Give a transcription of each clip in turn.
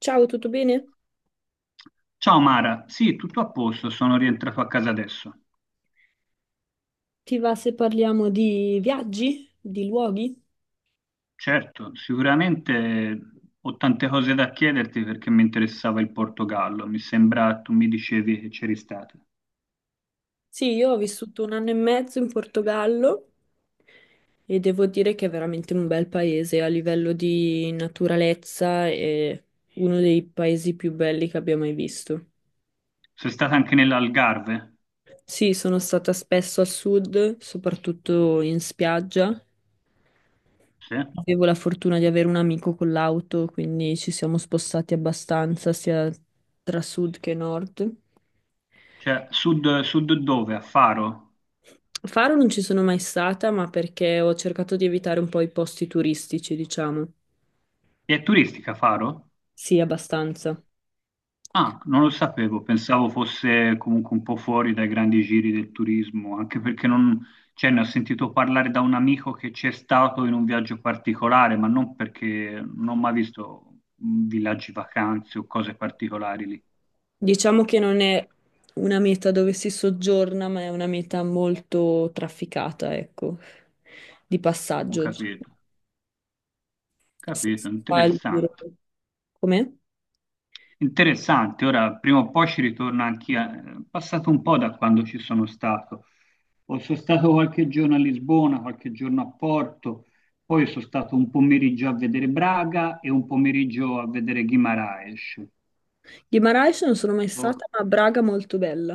Ciao, tutto bene? Ciao Mara, sì, tutto a posto, sono rientrato a casa adesso. Ti va se parliamo di viaggi, di luoghi? Certo, sicuramente ho tante cose da chiederti perché mi interessava il Portogallo, mi sembra tu mi dicevi che c'eri stata. Sì, io ho vissuto un anno e mezzo in Portogallo e devo dire che è veramente un bel paese a livello di naturalezza è uno dei paesi più belli che abbia mai visto. Sei stata anche nell'Algarve? Sì, sono stata spesso a sud, soprattutto in spiaggia. Sì. Avevo la fortuna di avere un amico con l'auto, quindi ci siamo spostati abbastanza sia tra sud che nord. Cioè, sud, sud dove? A Faro? Faro non ci sono mai stata, ma perché ho cercato di evitare un po' i posti turistici, diciamo. E è turistica Faro? Sì, abbastanza. Ah, non lo sapevo, pensavo fosse comunque un po' fuori dai grandi giri del turismo, anche perché non, cioè, ne ho sentito parlare da un amico che c'è stato in un viaggio particolare, ma non perché non ho mai visto villaggi vacanze o cose particolari lì. Diciamo che non è una meta dove si soggiorna, ma è una meta molto trafficata, ecco, di Ho passaggio. Si capito, si capito, fa il giro. interessante. Com'è? Interessante, ora prima o poi ci ritorno anch'io, è passato un po' da quando ci sono stato. Poi sono stato qualche giorno a Lisbona, qualche giorno a Porto, poi sono stato un pomeriggio a vedere Braga e un pomeriggio a vedere Guimarães. Guimarães non sono mai Boh. stata, ma Braga molto bella.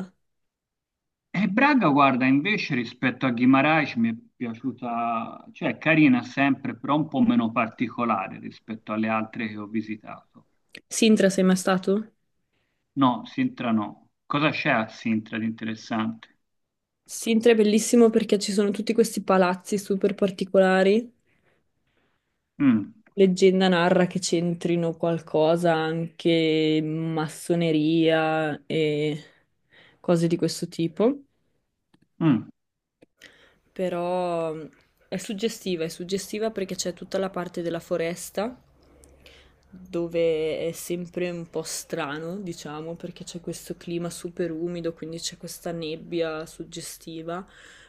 E Braga, guarda, invece rispetto a Guimarães mi è piaciuta, cioè è carina sempre, però un po' meno particolare rispetto alle altre che ho visitato. Sintra, sei mai stato? No, Sintra no. Cosa c'è a Sintra di interessante? Sintra è bellissimo perché ci sono tutti questi palazzi super particolari. Mm, Leggenda narra che c'entrino qualcosa anche massoneria e cose di questo tipo, mm, però è suggestiva perché c'è tutta la parte della foresta dove è sempre un po' strano, diciamo, perché c'è questo clima super umido, quindi c'è questa nebbia suggestiva,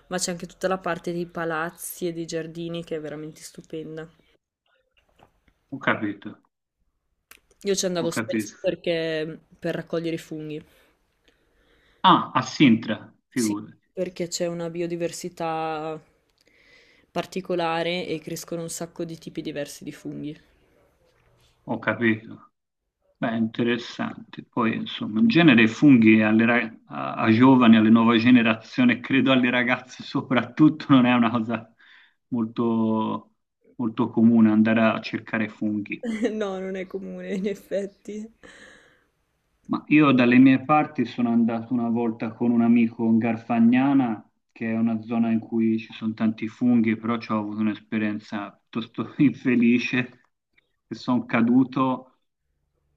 ma c'è anche tutta la parte dei palazzi e dei giardini che è veramente stupenda. ho capito, Io ci ho andavo spesso capito. perché per raccogliere i funghi. Ah, a Sintra, Sì, figurati, perché c'è una biodiversità particolare e crescono un sacco di tipi diversi di funghi. ho capito. Beh, interessante. Poi, insomma, in genere i funghi a giovani, alle nuove generazioni, credo alle ragazze soprattutto, non è una cosa molto, molto comune andare a cercare funghi. No, non è comune, in effetti. Ma io dalle mie parti sono andato una volta con un amico in Garfagnana, che è una zona in cui ci sono tanti funghi, però ci ho avuto un'esperienza piuttosto infelice, che sono caduto.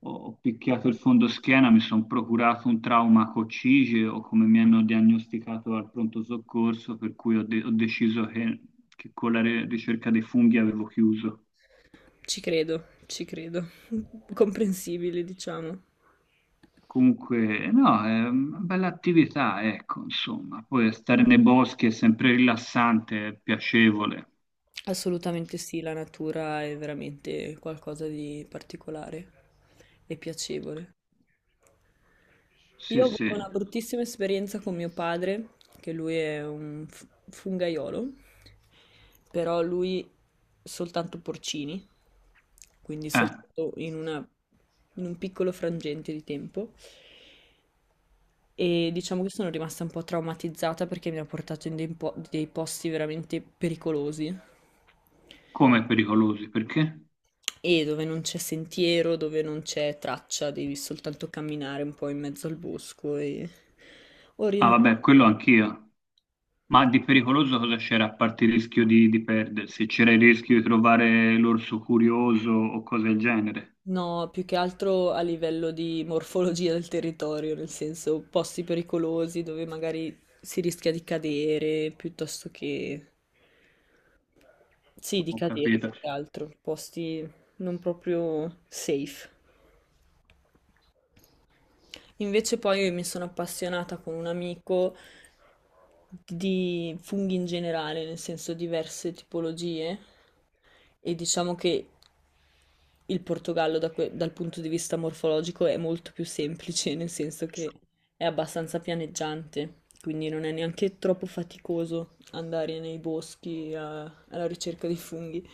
Ho picchiato il fondoschiena, mi sono procurato un trauma a coccige o come mi hanno diagnosticato al pronto soccorso, per cui ho deciso che, che con la ricerca dei funghi avevo chiuso. Ci credo, ci credo. Comprensibile, diciamo. Comunque, no, è una bella attività, ecco, insomma. Poi stare nei boschi è sempre rilassante, è piacevole. Assolutamente sì, la natura è veramente qualcosa di particolare e piacevole. Io Sì, ho avuto una sì. bruttissima esperienza con mio padre, che lui è un fungaiolo, però lui soltanto porcini, quindi Eh, soltanto in un piccolo frangente di tempo. E diciamo che sono rimasta un po' traumatizzata perché mi ha portato in dei posti veramente pericolosi Come pericolosi, perché? e dove non c'è sentiero, dove non c'è traccia, devi soltanto camminare un po' in mezzo al bosco e Ah, vabbè, orientarti. quello anch'io. Ma di pericoloso cosa c'era a parte il rischio di perdersi? C'era il rischio di trovare l'orso curioso o cose del genere? No, più che altro a livello di morfologia del territorio, nel senso posti pericolosi dove magari si rischia di cadere, piuttosto che... Sì, di Ho cadere più capito, che altro, posti non proprio safe. Invece poi mi sono appassionata con un amico di funghi in generale, nel senso diverse tipologie, e diciamo che il Portogallo dal punto di vista morfologico è molto più semplice, nel senso che è abbastanza pianeggiante, quindi non è neanche troppo faticoso andare nei boschi alla ricerca di funghi.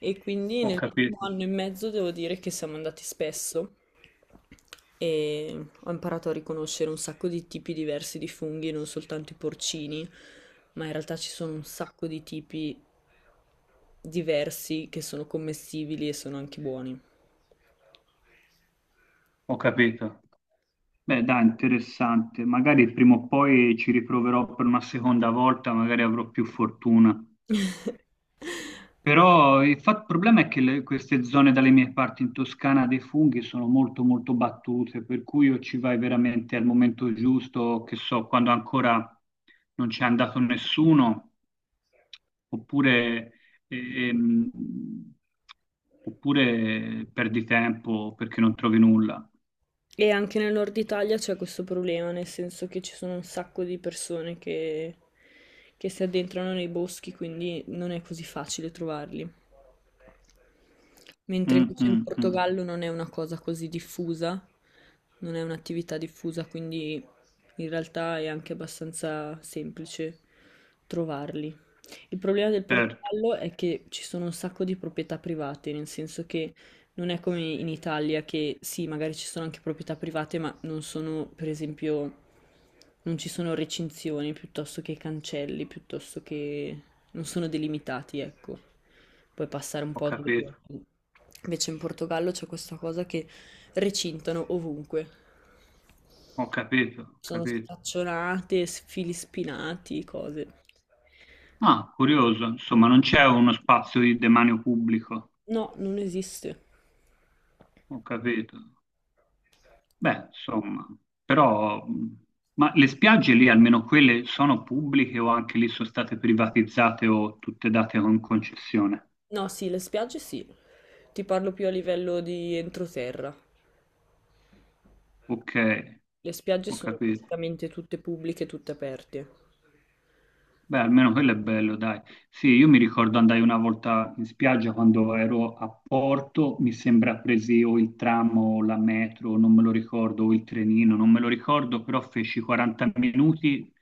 E quindi ho nell'ultimo capito, anno e mezzo devo dire che siamo andati spesso e ho imparato a riconoscere un sacco di tipi diversi di funghi, non soltanto i porcini, ma in realtà ci sono un sacco di tipi diversi che sono commestibili e sono anche buoni. ho capito. Beh, dai, interessante. Magari prima o poi ci riproverò per una seconda volta, magari avrò più fortuna. Però il fa- il problema è che le- queste zone dalle mie parti in Toscana dei funghi sono molto molto battute, per cui o ci vai veramente al momento giusto, che so, quando ancora non c'è andato nessuno, oppure, ehm, oppure perdi tempo perché non trovi nulla. E anche nel nord Italia c'è questo problema, nel senso che ci sono un sacco di persone che si addentrano nei boschi, quindi non è così facile trovarli. Mentre Mm, invece in mm, mm. Portogallo non è una cosa così diffusa, non è un'attività diffusa, quindi in realtà è anche abbastanza semplice trovarli. Il problema del Certo, Portogallo è che ci sono un sacco di proprietà private, nel senso che non è come in Italia che sì, magari ci sono anche proprietà private, ma non sono, per esempio, non ci sono recinzioni piuttosto che cancelli, piuttosto che non sono delimitati, ecco. Puoi passare un ho po' dove capito, vuoi. Invece in Portogallo c'è questa cosa che recintano ovunque. ho capito, ho Sono capito. staccionate, fili spinati, cose. Ah, curioso, insomma, non c'è uno spazio di demanio pubblico, No, non esiste. ho capito. Beh, insomma, però, ma le spiagge lì, almeno quelle, sono pubbliche o anche lì sono state privatizzate o tutte date con concessione? No, sì, le spiagge sì. Ti parlo più a livello di entroterra. Ok, Le spiagge ho sono capito. praticamente tutte pubbliche, tutte aperte. Beh, almeno quello è bello, dai. Sì, io mi ricordo andai una volta in spiaggia quando ero a Porto, mi sembra presi o il tram o la metro, non me lo ricordo, o il trenino, non me lo ricordo, però feci 40 minuti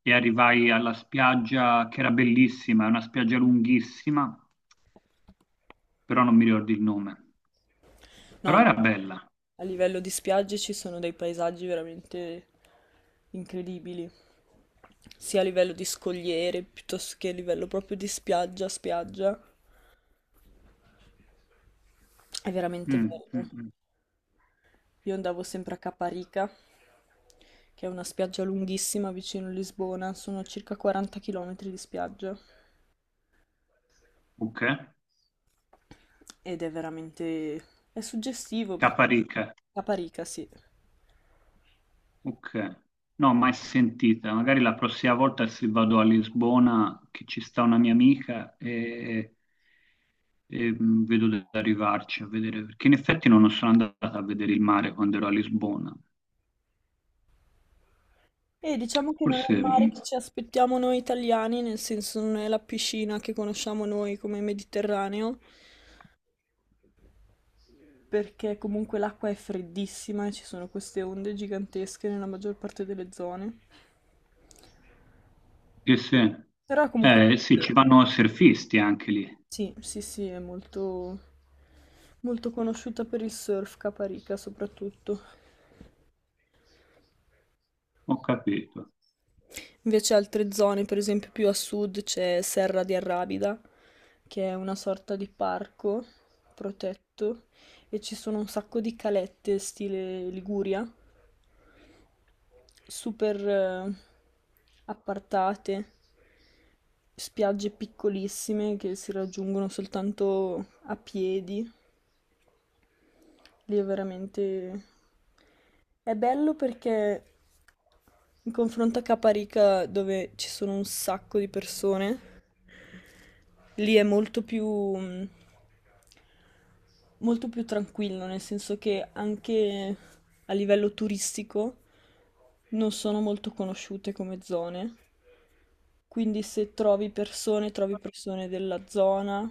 e arrivai alla spiaggia che era bellissima, è una spiaggia lunghissima però non mi ricordo il nome. No, Però era bella. a livello di spiagge ci sono dei paesaggi veramente incredibili, sia a livello di scogliere piuttosto che a livello proprio di spiaggia, spiaggia. È veramente Mm, bello. mm, mm. Io andavo sempre a Caparica, che è una spiaggia lunghissima vicino a Lisbona, sono circa 40 km di spiaggia. Ok. Ed è veramente... è suggestivo perché... Caparica. Caparica, sì. Ok. No, mai sentita. Magari la prossima volta se vado a Lisbona, che ci sta una mia amica, e, mm, vedo di arrivarci a vedere, perché in effetti non sono andata a vedere il mare quando ero a Lisbona. E diciamo che non è Forse, il mare che ci aspettiamo noi italiani, nel senso non è la piscina che conosciamo noi come Mediterraneo, perché comunque l'acqua è freddissima e ci sono queste onde gigantesche nella maggior parte delle zone. che se, Però è comunque sì, sì, ci vanno surfisti anche lì. sì, è molto, molto conosciuta per il surf Caparica soprattutto. Ho capito, Invece altre zone, per esempio più a sud c'è Serra di Arrabida, che è una sorta di parco protetto e ci sono un sacco di calette stile Liguria, super appartate, spiagge piccolissime che si raggiungono soltanto a piedi. Lì è veramente... è bello perché in confronto a Caparica, dove ci sono un sacco di persone, lì è molto più, mm, molto più tranquillo, nel senso che anche a livello turistico non sono molto conosciute come zone. Quindi se trovi persone, trovi persone della zona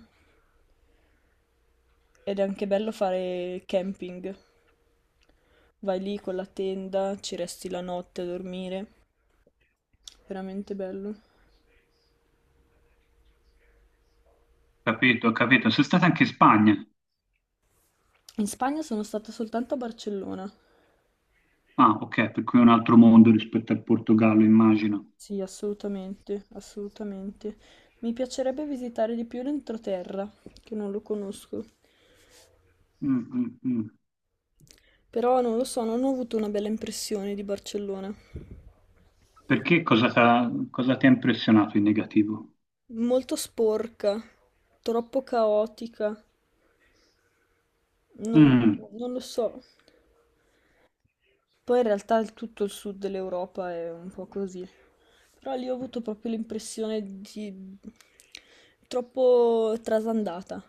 ed è anche bello fare camping. Vai lì con la tenda, ci resti la notte a dormire. Veramente bello. capito, ho capito. Sei stata anche in Spagna. In Spagna sono stata soltanto a Barcellona. Ah, ok, per cui è un altro mondo rispetto al Portogallo, immagino. Sì, assolutamente, assolutamente. Mi piacerebbe visitare di più l'entroterra, che non lo conosco. Mm, mm, mm. Però non lo so, non ho avuto una bella impressione di Barcellona. Perché cosa t'ha- cosa ti ha impressionato in negativo? Molto sporca, troppo caotica, non, Mm, non lo so. Poi in realtà tutto il sud dell'Europa è un po' così. Però lì ho avuto proprio l'impressione di troppo trasandata.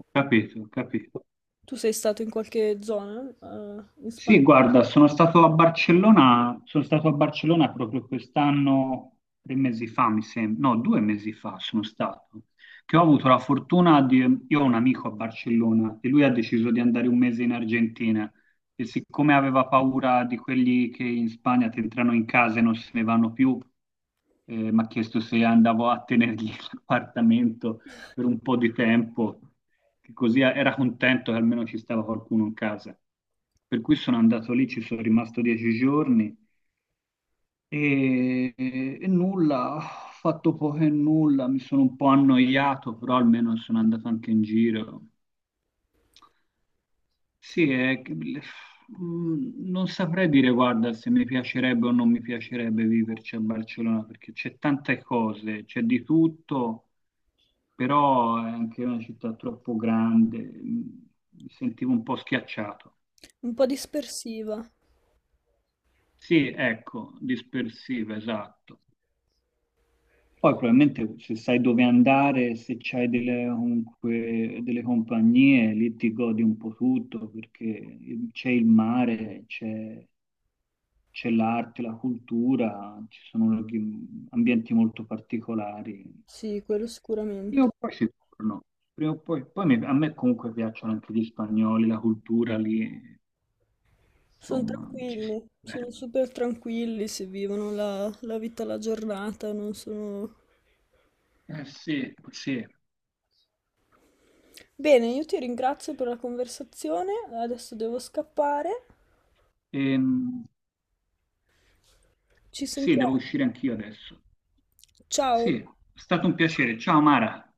ho capito, ho capito. Tu sei stato in qualche zona, in Sì, Spagna? guarda, sono stato a Barcellona, sono stato a Barcellona proprio quest'anno, tre mesi fa, mi sembra, no, due mesi fa sono stato, che ho avuto la fortuna di, io ho un amico a Barcellona e lui ha deciso di andare 1 mese in Argentina e siccome aveva paura di quelli che in Spagna ti entrano in casa e non se ne vanno più, mi ha chiesto se andavo a tenergli l'appartamento per un po' di tempo che così era contento che almeno ci stava qualcuno in casa. Per cui sono andato lì, ci sono rimasto 10 giorni e nulla, ho fatto poco e nulla, mi sono un po' annoiato, però almeno sono andato anche in giro. Sì, non saprei dire, guarda, se mi piacerebbe o non mi piacerebbe viverci a Barcellona, perché c'è tante cose, c'è di tutto, però è anche una città troppo grande, mi sentivo un po' schiacciato. Un po' dispersiva. Sì, ecco, dispersiva, esatto. Poi probabilmente se sai dove andare, se c'hai delle, comunque, delle compagnie, lì ti godi un po' tutto, perché c'è il mare, c'è l'arte, la cultura, ci sono ambienti molto particolari. Sì, quello Prima sicuramente. o poi si torno, prima o poi, poi a me comunque piacciono anche gli spagnoli, la cultura lì, Sono insomma, ci si... tranquilli, sono super tranquilli, si vivono la vita alla giornata, non sono... Eh sì, sì. Bene, io ti ringrazio per la conversazione, adesso devo scappare. Ehm, Ci Sì, devo sentiamo. uscire anch'io adesso. Ciao. Sì, è stato un piacere. Ciao Mara.